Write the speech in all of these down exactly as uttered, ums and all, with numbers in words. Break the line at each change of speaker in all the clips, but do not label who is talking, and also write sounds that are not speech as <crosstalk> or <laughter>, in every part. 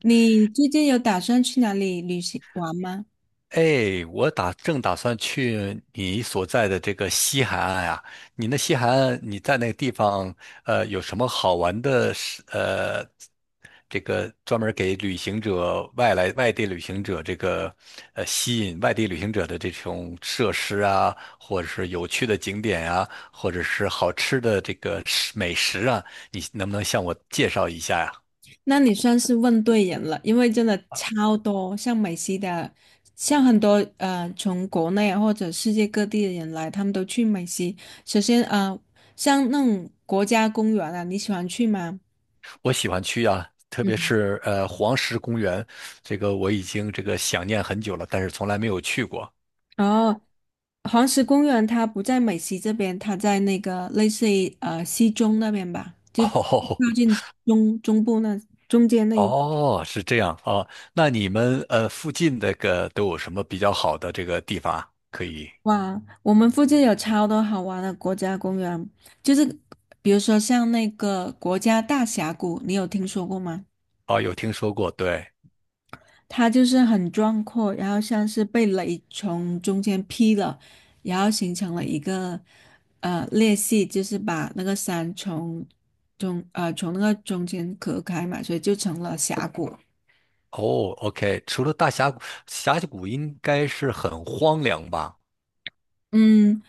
你最近有打算去哪里旅行玩吗？
哎，我打正打算去你所在的这个西海岸啊。你那西海岸，你在那个地方，呃，有什么好玩的事？呃，这个专门给旅行者、外来外地旅行者这个，呃，吸引外地旅行者的这种设施啊，或者是有趣的景点啊，或者是好吃的这个食美食啊，你能不能向我介绍一下呀。
那你算是问对人了，因为真的超多，像美西的，像很多呃从国内啊或者世界各地的人来，他们都去美西。首先呃，像那种国家公园啊，你喜欢去吗？
我喜欢去啊，特别
嗯。
是呃黄石公园，这个我已经这个想念很久了，但是从来没有去过。
哦，黄石公园它不在美西这边，它在那个类似于呃西中那边吧，
<laughs>
就
哦
靠近中中部那中间那一。
哦，是这样啊。那你们呃附近那个都有什么比较好的这个地方啊可以？
哇，我们附近有超多好玩的国家公园，就是比如说像那个国家大峡谷，你有听说过吗？
哦，有听说过，对。
它就是很壮阔，然后像是被雷从中间劈了，然后形成了一个呃裂隙，就是把那个山从中呃从那个中间隔开嘛，所以就成了峡谷。
哦，OK，除了大峡谷，峡谷应该是很荒凉吧？
嗯，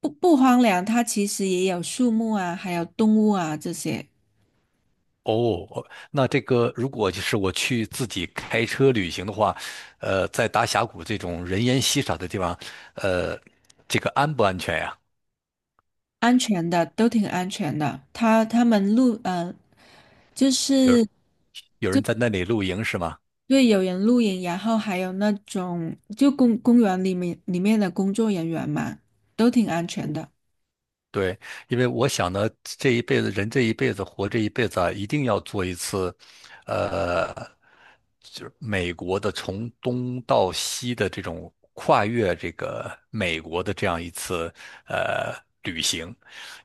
不不荒凉，它其实也有树木啊，还有动物啊这些。
哦，哦，那这个如果就是我去自己开车旅行的话，呃，在大峡谷这种人烟稀少的地方，呃，这个安不安全呀？
安全的，都挺安全的。他他们录呃，就
有
是
有人在那里露营是吗？
对有人露营，然后还有那种就公公园里面里面的工作人员嘛，都挺安全的。
对，因为我想呢，这一辈子人这一辈子活这一辈子啊，一定要做一次，呃，就是美国的从东到西的这种跨越这个美国的这样一次呃旅行，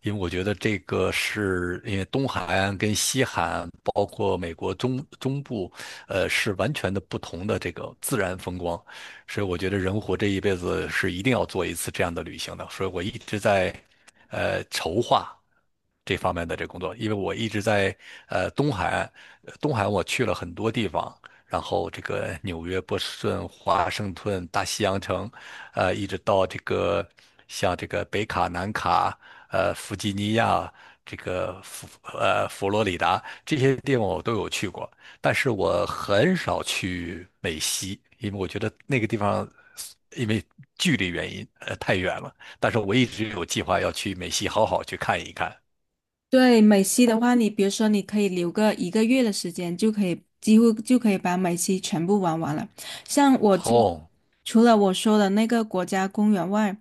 因为我觉得这个是因为东海岸跟西海岸，包括美国中中部，呃，是完全的不同的这个自然风光。所以我觉得人活这一辈子是一定要做一次这样的旅行的。所以我一直在呃筹划这方面的这工作，因为我一直在呃东海岸，呃东海岸我去了很多地方，然后这个纽约、波士顿、华盛顿、大西洋城，呃，一直到这个像这个北卡、南卡，呃，弗吉尼亚。这个佛呃佛罗里达这些地方我都有去过，但是我很少去美西，因为我觉得那个地方因为距离原因，呃，太远了。但是我一直有计划要去美西好好去看一看。
对美西的话，你比如说你可以留个一个月的时间，就可以几乎就可以把美西全部玩完了。像我这
哦
除了我说的那个国家公园外，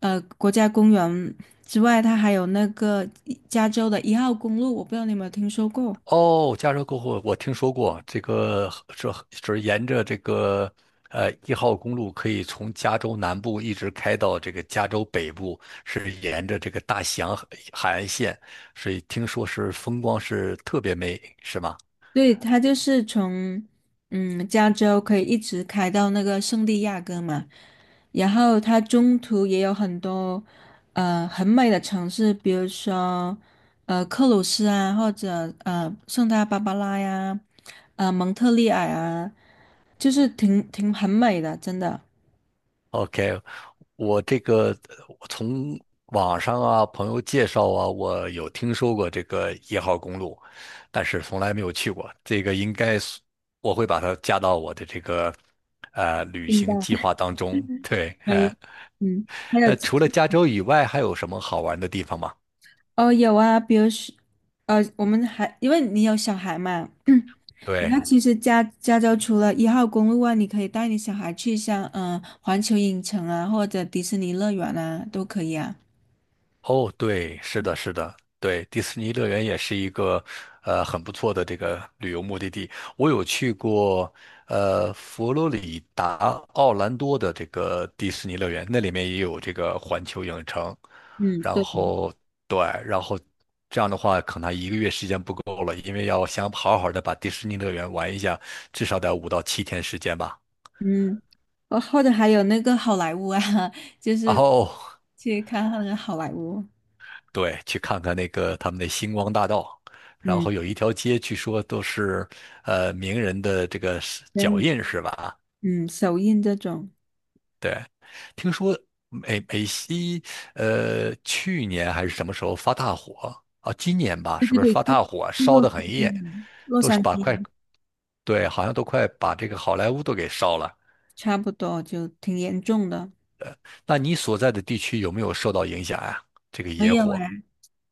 呃，国家公园之外，它还有那个加州的一号公路，我不知道你有没有听说过。
哦，加州过后我听说过这个，这就是沿着这个呃一号公路可以从加州南部一直开到这个加州北部，是沿着这个大西洋海海岸线，所以听说是风光是特别美，是吗？
对，它就是从嗯加州可以一直开到那个圣地亚哥嘛，然后它中途也有很多呃很美的城市，比如说呃克鲁斯啊，或者呃圣塔芭芭拉呀，呃蒙特利尔啊，就是挺挺很美的，真的。
OK，我这个呃我从网上啊、朋友介绍啊，我有听说过这个一号公路，但是从来没有去过。这个应该是我会把它加到我的这个呃旅
明白，
行计划当中。对，
可以。
哎，
嗯，还有
那除了加州以外，还有什么好玩的地方吗？
哦有啊，比如说呃我们还因为你有小孩嘛。<clears throat> 那
对，
其实加加州除了一号公路外，你可以带你小孩去像嗯、呃环球影城啊，或者迪士尼乐园啊，都可以啊。
哦，对，是的，是的，对，迪士尼乐园也是一个呃很不错的这个旅游目的地。我有去过呃佛罗里达奥兰多的这个迪士尼乐园，那里面也有这个环球影城。
嗯，
然
对，
后对，然后这样的话，可能一个月时间不够了，因为要想好好的把迪士尼乐园玩一下，至少得五到七天时间吧。
嗯，哦，或者还有那个好莱坞啊，<laughs> 就是
哦，
去看那个好莱坞，
对，去看看那个他们的星光大道，然
嗯，
后有一条街，据说都是呃名人的这个是脚
嗯，
印是吧？
嗯，首映这种，
对，听说美美西呃去年还是什么时候发大火啊？今年吧，
对
是
对
不是
对，
发大火
是是洛
烧得
杉
很
矶
严，
啊，洛
都是
杉
把
矶
快，
啊
对，好像都快把这个好莱坞都给烧了。
差不多，就挺严重的。
那你所在的地区有没有受到影响呀，这个
没
野
有
火？
哎，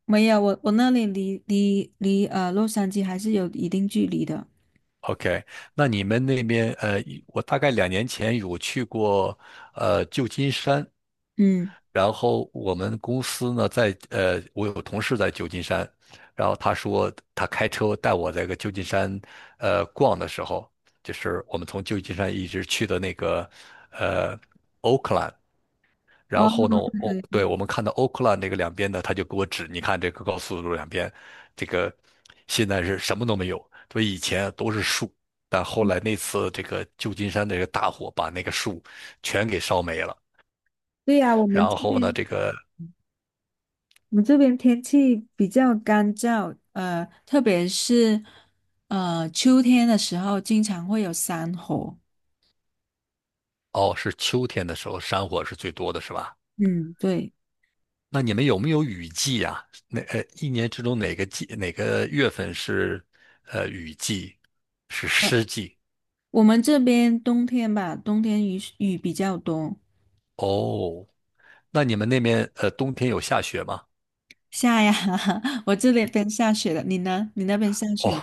没有，我我那里离离离呃洛杉矶还是有一定距离的。
OK,那你们那边，呃，我大概两年前有去过呃旧金山，
嗯。
然后我们公司呢在呃，我有同事在旧金山，然后他说他开车带我在个旧金山呃逛的时候，就是我们从旧金山一直去的那个呃 Oakland,然
哦，
后呢，哦，
对
对，
对，
我们看到 o 克 k l 那个两边呢，他就给我指，你看这个高速路两边，这个现在是什么都没有，所以以前都是树，但后来那次这个旧金山这个大火把那个树全给烧没了。
对呀，我们这
然后呢，
边
这个，
我们这边天气比较干燥，呃，特别是呃秋天的时候，经常会有山火。
哦，是秋天的时候山火是最多的是吧？
嗯，对，
那你们有没有雨季呀？那呃，一年之中哪个季哪个月份是呃雨季，是
呃，
湿季？
我们这边冬天吧，冬天雨雨比较多，
哦，那你们那边呃冬天有下雪吗？
下呀，<laughs> 我这里边下雪了，你呢？你那边下
哦，
雪吗？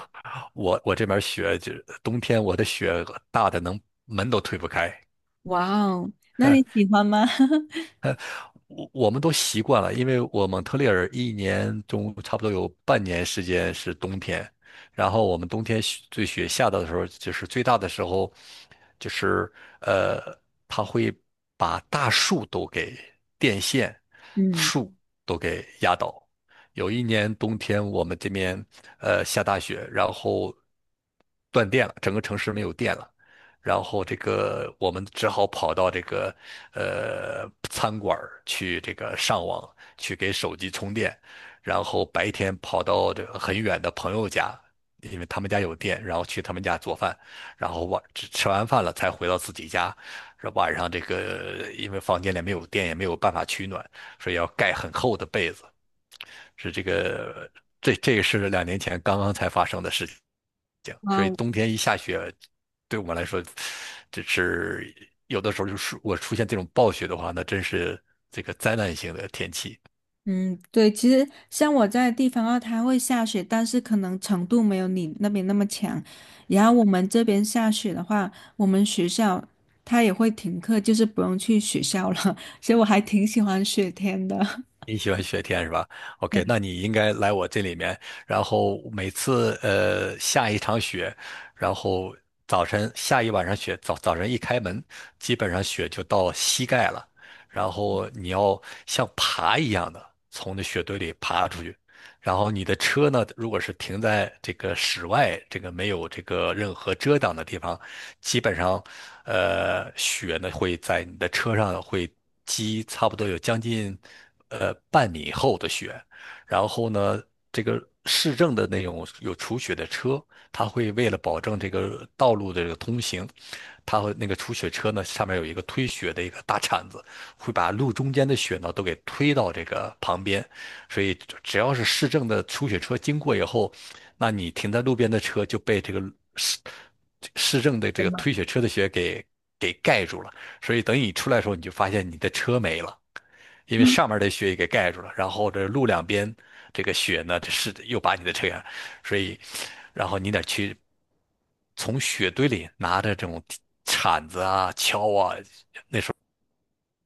我我这边雪就是冬天，我的雪大的能门都推不开。
哇哦，那你
<laughs>
喜欢吗？<laughs>
我我们都习惯了，因为我蒙特利尔一年中差不多有半年时间是冬天，然后我们冬天雪最雪下的时候，就是最大的时候，就是呃，它会把大树都给电线、
嗯，
树都给压倒。有一年冬天，我们这边呃下大雪，然后断电了，整个城市没有电了。然后这个我们只好跑到这个呃餐馆儿去这个上网去给手机充电，然后白天跑到这个很远的朋友家，因为他们家有电，然后去他们家做饭，然后晚吃吃完饭了才回到自己家。晚上这个因为房间里没有电，也没有办法取暖，所以要盖很厚的被子。是这个这这个是两年前刚刚才发生的事情，
哇
所以
哦
冬天一下雪，对我们来说，这是有的时候就是我出现这种暴雪的话，那真是这个灾难性的天气。
嗯，对，其实像我在的地方的话，它会下雪，但是可能程度没有你那边那么强。然后我们这边下雪的话，我们学校它也会停课，就是不用去学校了。<laughs> 所以我还挺喜欢雪天的。<laughs>
你喜欢雪天是吧
对，
？OK,那你应该来我这里面，然后每次呃下一场雪，然后早晨下一晚上雪，早早晨一开门，基本上雪就到膝盖了，然后你要像爬一样的从那雪堆里爬出去，然后你的车呢，如果是停在这个室外，这个没有这个任何遮挡的地方，基本上，呃，雪呢会在你的车上会积差不多有将近呃半米厚的雪，然后呢，这个市政的那种有除雪的车，它会为了保证这个道路的这个通行，它会那个除雪车呢上面有一个推雪的一个大铲子，会把路中间的雪呢都给推到这个旁边，所以只要是市政的出雪车经过以后，那你停在路边的车就被这个市市政的这个推雪车的雪给给盖住了。所以等你出来的时候，你就发现你的车没了，因为上面的雪也给盖住了，然后这路两边这个雪呢，这是又把你的车，所以然后你得去从雪堆里拿着这种铲子啊、锹啊，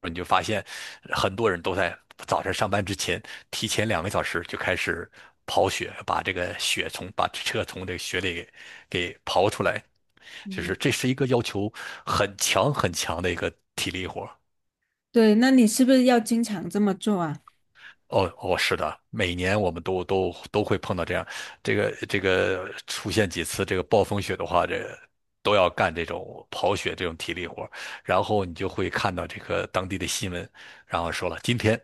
你就发现很多人都在早晨上班之前提前两个小时就开始刨雪，把这个雪从把车从这个雪里给给刨出来，就是这是一个要求很强很强的一个体力活。
对那你是不是要经常这么做啊？
哦哦，是的，每年我们都都都会碰到这样，这个这个出现几次这个暴风雪的话，这都要干这种跑雪这种体力活儿。然后你就会看到这个当地的新闻，然后说了今天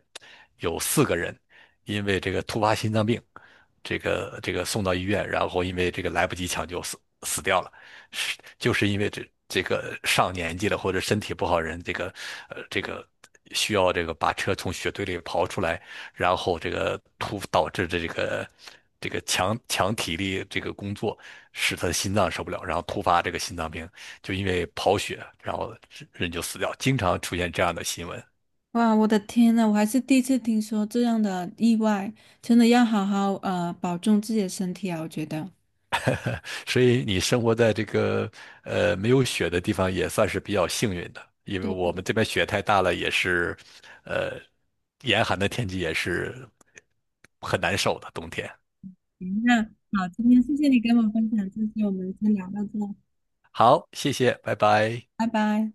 有四个人因为这个突发心脏病，这个这个送到医院，然后因为这个来不及抢救死死掉了，是就是因为这这个上年纪了或者身体不好人，这个呃这个需要这个把车从雪堆里刨出来，然后这个突导致的这个这个强强体力这个工作，使他的心脏受不了，然后突发这个心脏病，就因为刨雪，然后人就死掉，经常出现这样的新闻。
哇，我的天呐，我还是第一次听说这样的意外，真的要好好呃保重自己的身体啊，我觉得。
所以你生活在这个呃没有雪的地方也算是比较幸运的，因为我们这边雪太大了，也是，呃，严寒的天气也是很难受的冬天。
行那好，今天谢谢你跟我分享这些，我们先聊到这，
好，谢谢，拜拜。
拜拜。